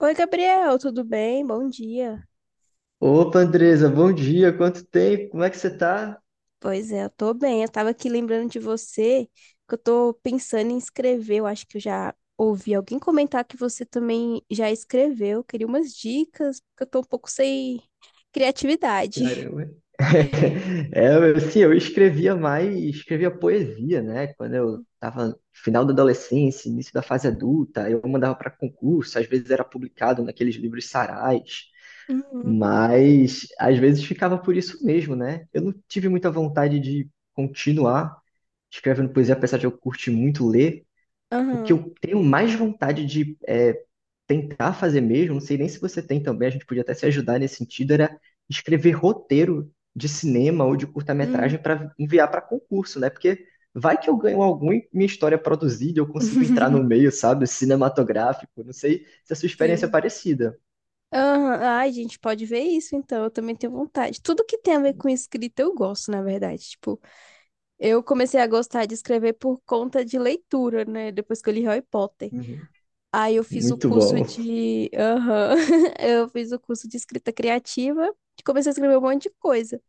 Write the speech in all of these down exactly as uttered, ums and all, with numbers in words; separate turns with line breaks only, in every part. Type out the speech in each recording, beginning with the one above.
Oi, Gabriel, tudo bem? Bom dia.
Opa, Andresa, bom dia, quanto tempo, como é que você tá?
Pois é, eu tô bem. Eu tava aqui lembrando de você, que eu tô pensando em escrever. Eu acho que eu já ouvi alguém comentar que você também já escreveu. Eu queria umas dicas, porque eu tô um pouco sem criatividade.
Caramba. É, eu- assim, eu escrevia mais, escrevia poesia, né? Quando eu tava no final da adolescência, início da fase adulta, eu mandava para concurso, às vezes era publicado naqueles livros Sarais,
Uhum.
mas às vezes ficava por isso mesmo, né? Eu não tive muita vontade de continuar escrevendo poesia, apesar de eu curtir muito ler. O que
Aham.
eu tenho mais vontade de é, tentar fazer mesmo, não sei nem se você tem também, a gente podia até se ajudar nesse sentido, era escrever roteiro de cinema ou de
Hum.
curta-metragem para enviar para concurso, né? Porque vai que eu ganho algum e minha história é produzida, eu consigo entrar no meio, sabe? Cinematográfico, não sei se a sua experiência é
Sim.
parecida.
Aham. Ai, a gente pode ver isso, então. Eu também tenho vontade. Tudo que tem a ver com escrita eu gosto, na verdade. Tipo, eu comecei a gostar de escrever por conta de leitura, né? Depois que eu li Harry Potter.
Uhum.
Aí eu fiz o
Muito
curso
bom.
de. Aham. Eu fiz o curso de escrita criativa e comecei a escrever um monte de coisa.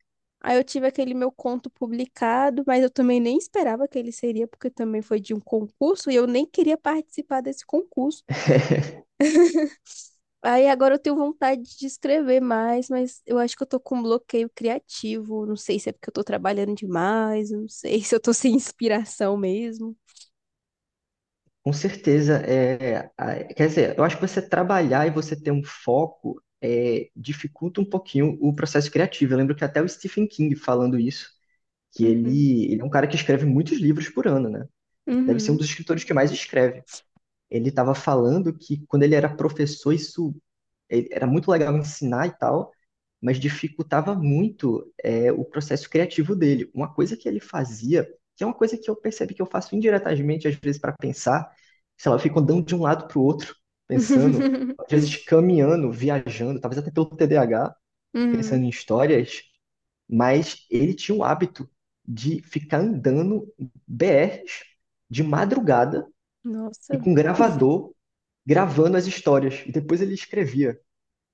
Aí eu tive aquele meu conto publicado, mas eu também nem esperava que ele seria, porque também foi de um concurso e eu nem queria participar desse concurso. Aí agora eu tenho vontade de escrever mais, mas eu acho que eu tô com um bloqueio criativo. Não sei se é porque eu tô trabalhando demais, eu não sei se eu tô sem inspiração mesmo.
Com certeza, é, a- quer dizer, eu acho que você trabalhar e você ter um foco é, dificulta um pouquinho o processo criativo. Eu lembro que até o Stephen King falando isso, que
Uhum.
ele, ele é um cara que escreve muitos livros por ano, né? Deve ser um
Uhum.
dos escritores que mais escreve. Ele estava falando que quando ele era professor, isso ele- era muito legal ensinar e tal, mas dificultava muito é, o processo criativo dele. Uma coisa que ele fazia, que é uma coisa que eu percebi que eu faço indiretamente, às vezes, para pensar, sei lá, eu fico andando de um lado para o outro, pensando, às vezes caminhando, viajando, talvez até pelo T D A H,
Uhum.
pensando em histórias, mas ele tinha o hábito de ficar andando B R s de madrugada
Nossa.
e com gravador gravando as histórias. E depois ele escrevia.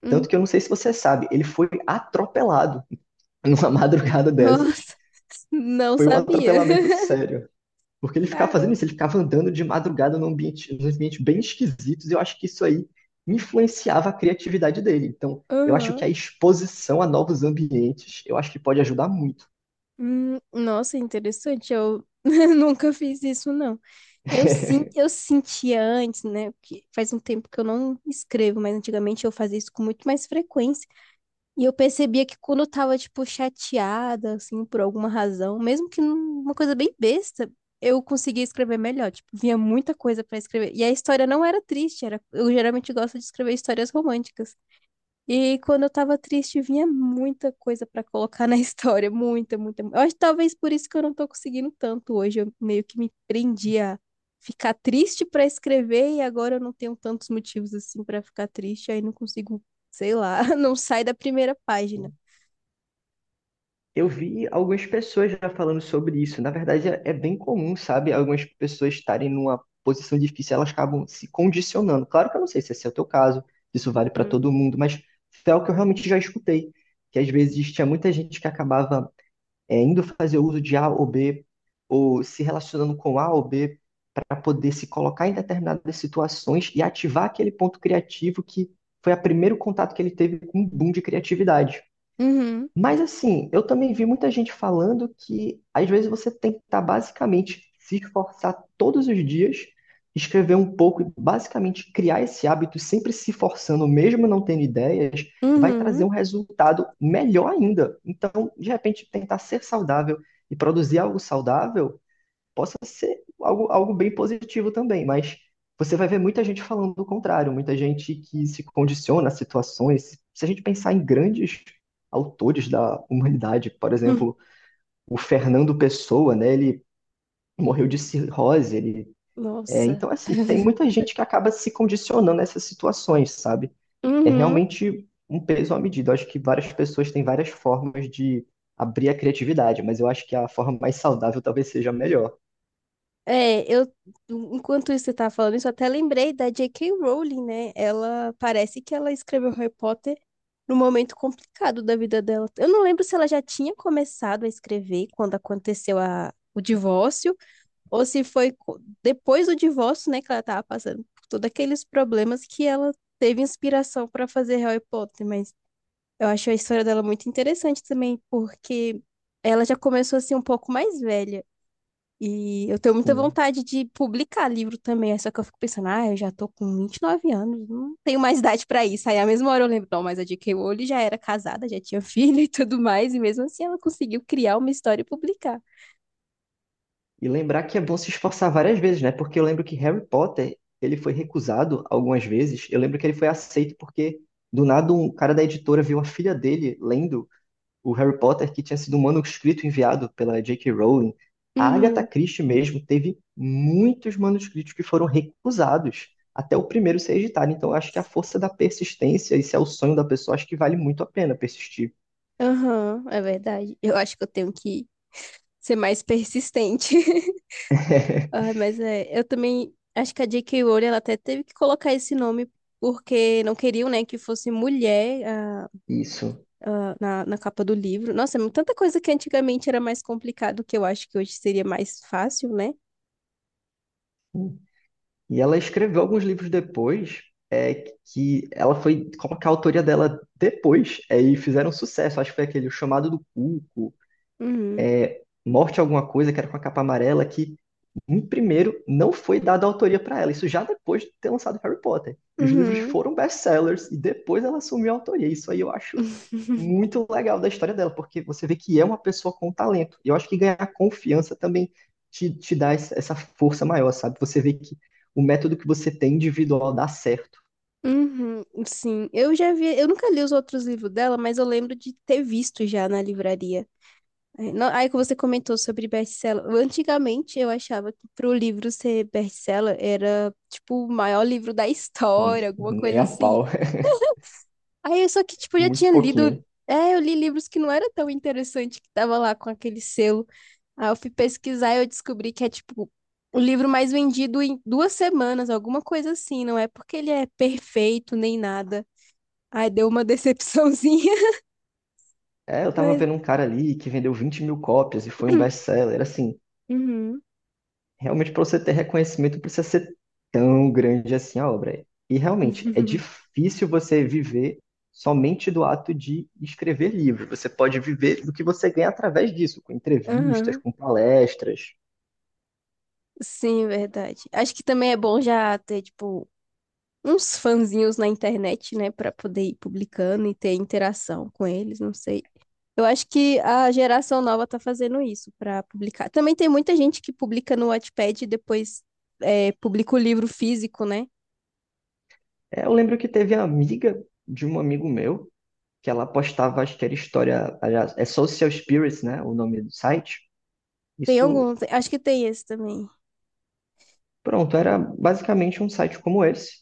Hum.
Tanto que eu não sei se você sabe, ele foi atropelado numa madrugada dessas.
Nossa, não
Foi um
sabia.
atropelamento sério. Porque ele ficava fazendo
Caramba.
isso, ele ficava andando de madrugada num ambiente, num ambiente bem esquisitos, e eu acho que isso aí influenciava a criatividade dele. Então, eu acho que
Aham.
a exposição a novos ambientes, eu acho que pode ajudar muito.
Hum, Nossa, interessante. Eu nunca fiz isso, não. Eu, sim, eu sentia antes, né? Porque faz um tempo que eu não escrevo, mas antigamente eu fazia isso com muito mais frequência. E eu percebia que quando eu tava, tipo, chateada, assim, por alguma razão, mesmo que num- uma coisa bem besta, eu conseguia escrever melhor. Tipo, vinha muita coisa pra escrever. E a história não era triste, era... eu geralmente gosto de escrever histórias românticas. E quando eu tava triste, vinha muita coisa pra colocar na história, muita, muita. Eu acho que talvez por isso que eu não tô conseguindo tanto hoje. Eu meio que me prendi a ficar triste pra escrever e agora eu não tenho tantos motivos assim pra ficar triste, aí não consigo, sei lá, não sai da primeira página.
Eu vi algumas pessoas já falando sobre isso. Na verdade, é é bem comum, sabe? Algumas pessoas estarem numa posição difícil, elas acabam se condicionando. Claro que eu não sei se esse é o teu caso, se isso vale para
Hum.
todo mundo, mas foi algo que eu realmente já escutei, que às vezes tinha muita gente que acabava é, indo fazer uso de A ou B, ou se relacionando com A ou B para poder se colocar em determinadas situações e ativar aquele ponto criativo que foi o primeiro contato que ele teve com um boom de criatividade.
Uhum.
Mas assim, eu também vi muita gente falando que às vezes você tem que estar basicamente se esforçar todos os dias, escrever um pouco e basicamente criar esse hábito, sempre se forçando, mesmo não tendo ideias, vai trazer
Uhum.
um resultado melhor ainda. Então, de repente, tentar ser saudável e produzir algo saudável possa ser algo, algo bem positivo também, mas você vai ver muita gente falando do contrário, muita gente que se condiciona a situações. Se a gente pensar em grandes autores da humanidade, por
Hum.
exemplo, o Fernando Pessoa, né? Ele morreu de cirrose, ele é,
Nossa.
então, assim, tem muita gente que acaba se condicionando a essas situações, sabe? É
Uhum.
realmente um peso à medida. Eu acho que várias pessoas têm várias formas de abrir a criatividade, mas eu acho que a forma mais saudável talvez seja a melhor.
É, eu, enquanto isso você tá falando isso, eu até lembrei da J K. Rowling, né? Ela parece que ela escreveu Harry Potter num momento complicado da vida dela. Eu não lembro se ela já tinha começado a escrever quando aconteceu a, o divórcio, ou se foi co- depois do divórcio, né, que ela tava passando por todos aqueles problemas que ela teve inspiração para fazer Harry Potter, mas eu acho a história dela muito interessante também, porque ela já começou assim um pouco mais velha. E eu tenho muita
Sim.
vontade de publicar livro também, é só que eu fico pensando, ah, eu já tô com vinte e nove anos, não tenho mais idade pra isso. Aí, à mesma hora, eu lembro, não, mas a J K. Rowling já era casada, já tinha filho e tudo mais, e mesmo assim ela conseguiu criar uma história e publicar.
E lembrar que é bom se esforçar várias vezes, né? Porque eu lembro que Harry Potter, ele foi recusado algumas vezes. Eu lembro que ele foi aceito porque, do nada, um cara da editora viu a filha dele lendo o Harry Potter, que tinha sido um manuscrito enviado pela J K. Rowling. A Agatha
Uhum,
Christie mesmo teve muitos manuscritos que foram recusados até o primeiro ser editado. Então, eu acho que a força da persistência, esse é o sonho da pessoa, acho que vale muito a pena persistir.
aham, é verdade. Eu acho que eu tenho que ser mais persistente. Ai, mas é, eu também acho que a J K. Rowling, ela até teve que colocar esse nome porque não queriam, né, que fosse mulher
Isso.
ah, na, na capa do livro. Nossa, é tanta coisa que antigamente era mais complicado que eu acho que hoje seria mais fácil, né?
E ela escreveu alguns livros depois, é, que ela foi colocar a autoria dela depois, é, e fizeram sucesso. Acho que foi aquele O Chamado do Cuco,
Uhum.
Morte Alguma Coisa, que era com a capa amarela, que em primeiro não foi dada a autoria para ela. Isso já depois de ter lançado Harry Potter. E os livros
Uhum.
foram best-sellers, e depois ela assumiu a autoria. Isso aí eu acho muito legal da história dela, porque você vê que é uma pessoa com talento. E eu acho que ganhar confiança também te, te dá essa essa força maior, sabe? Você vê que o método que você tem individual dá certo.
Uhum, sim, eu já vi, eu nunca li os outros livros dela, mas eu lembro de ter visto já na livraria. É, não- Aí que você comentou sobre best-seller. Eu, antigamente eu achava que pro livro ser best-seller era tipo o maior livro da história,
Hum,
alguma
Nem
coisa
a
assim.
pau,
Aí eu só que tipo já
muito
tinha lido,
pouquinho.
é, eu li livros que não era tão interessante que tava lá com aquele selo. Aí eu fui pesquisar e eu descobri que é tipo o livro mais vendido em duas semanas, alguma coisa assim. Não é porque ele é perfeito nem nada. Ai, deu uma decepçãozinha,
É, eu tava
mas.
vendo um cara ali que vendeu 20 mil cópias e foi um best-seller, assim.
Uhum.
Realmente, para você ter reconhecimento, não precisa ser tão grande assim a obra. E realmente, é difícil você viver somente do ato de escrever livros. Você pode viver do que você ganha através disso, com entrevistas,
Aham.
com palestras.
Sim, verdade. Acho que também é bom já ter, tipo, uns fãzinhos na internet, né, pra poder ir publicando e ter interação com eles, não sei. Eu acho que a geração nova tá fazendo isso para publicar. Também tem muita gente que publica no Wattpad e depois é, publica o livro físico, né?
É, eu lembro que teve a amiga de um amigo meu, que ela postava, acho que era história, aliás, é Social Spirits, né, o nome do site.
Tem
Isso,
algum, tem- acho que tem esse também.
pronto, era basicamente um site como esse.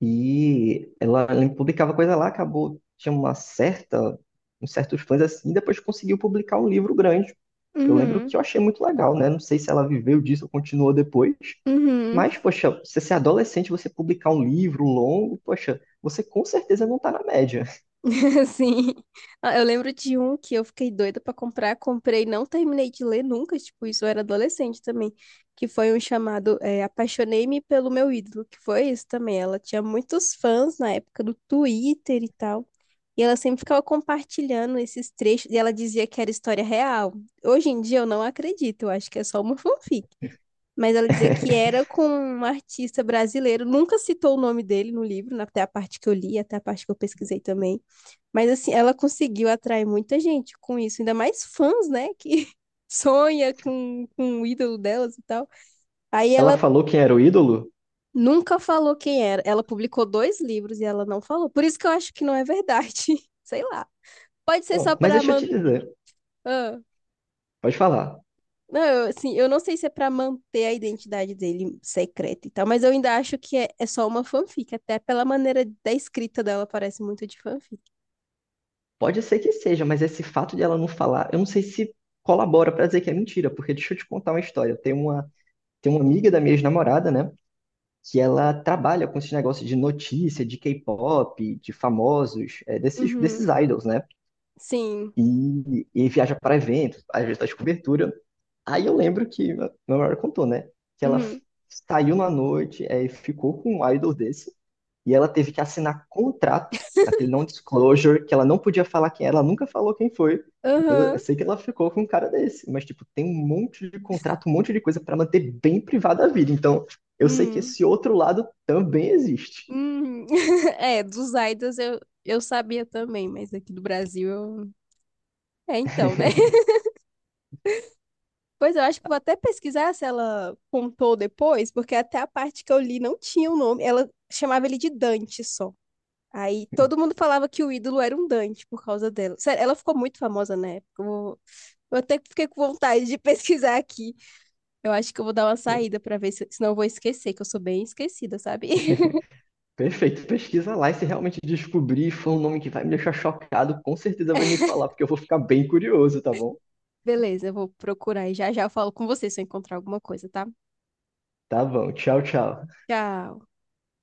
E ela, ela publicava coisa lá, acabou, tinha uma certa, uns certos fãs assim, e depois conseguiu publicar um livro grande. Eu lembro
Uhum,
que eu achei muito legal, né? Não sei se ela viveu disso ou continuou depois.
uhum.
Mas, poxa, você ser adolescente, você publicar um livro longo, poxa, você com certeza não tá na média.
Sim. Ah, eu lembro de um que eu fiquei doida pra comprar, comprei, não terminei de ler nunca, tipo, isso eu era adolescente também, que foi um chamado é, Apaixonei-me pelo meu ídolo, que foi isso também. Ela tinha muitos fãs na época do Twitter e tal. E ela sempre ficava compartilhando esses trechos e ela dizia que era história real. Hoje em dia eu não acredito, eu acho que é só uma fanfic, mas ela dizia que era com um artista brasileiro. Nunca citou o nome dele no livro, até a parte que eu li, até a parte que eu pesquisei também. Mas assim, ela conseguiu atrair muita gente com isso, ainda mais fãs, né? Que sonha com, com o ídolo delas e tal. Aí
Ela
ela
falou quem era o ídolo?
nunca falou quem era. Ela publicou dois livros e ela não falou. Por isso que eu acho que não é verdade. Sei lá. Pode ser só
Bom, mas
para
deixa eu te dizer,
manter.
pode falar.
Não, eu, assim, eu não sei se é pra manter a identidade dele secreta e tal, mas eu ainda acho que é, é só uma fanfic, até pela maneira da escrita dela parece muito de fanfic.
Pode ser que seja, mas esse fato de ela não falar, eu não sei se colabora pra dizer que é mentira, porque deixa eu te contar uma história. Tem uma Tem uma amiga da minha ex-namorada, né? Que ela trabalha com esse negócio de notícia, de K-pop, de famosos, é, desses,
Uhum.
desses idols, né?
Sim.
E, e viaja para eventos, às vezes faz cobertura. Aí eu lembro que meu maior contou, né? Que ela f-
Uhum.
saiu na noite, é, e ficou com um idol desse, e ela teve que assinar contrato, naquele non-disclosure, que ela não podia falar quem era, ela nunca falou quem foi. Mas eu
Aham.
sei que ela ficou com um cara desse, mas tipo, tem um monte de contrato, um monte de coisa pra manter bem privada a vida. Então, eu sei que
Uhum.
esse outro lado também existe.
Uhum. É, dos idols eu, eu sabia também, mas aqui do Brasil eu... É, então, né? Pois eu acho que vou até pesquisar se ela contou depois, porque até a parte que eu li não tinha o nome. Ela chamava ele de Dante só. Aí todo mundo falava que o ídolo era um Dante por causa dela. Sério, ela ficou muito famosa na época. Eu, vou- eu até fiquei com vontade de pesquisar aqui. Eu acho que eu vou dar uma saída pra ver se, senão eu vou esquecer, que eu sou bem esquecida, sabe?
Perfeito, pesquisa lá e se realmente descobrir for um nome que vai me deixar chocado, com certeza vai me falar, porque eu vou ficar bem curioso, tá bom?
Beleza, eu vou procurar e já já eu falo com você se eu encontrar alguma coisa, tá?
Tá bom, tchau, tchau.
Tchau.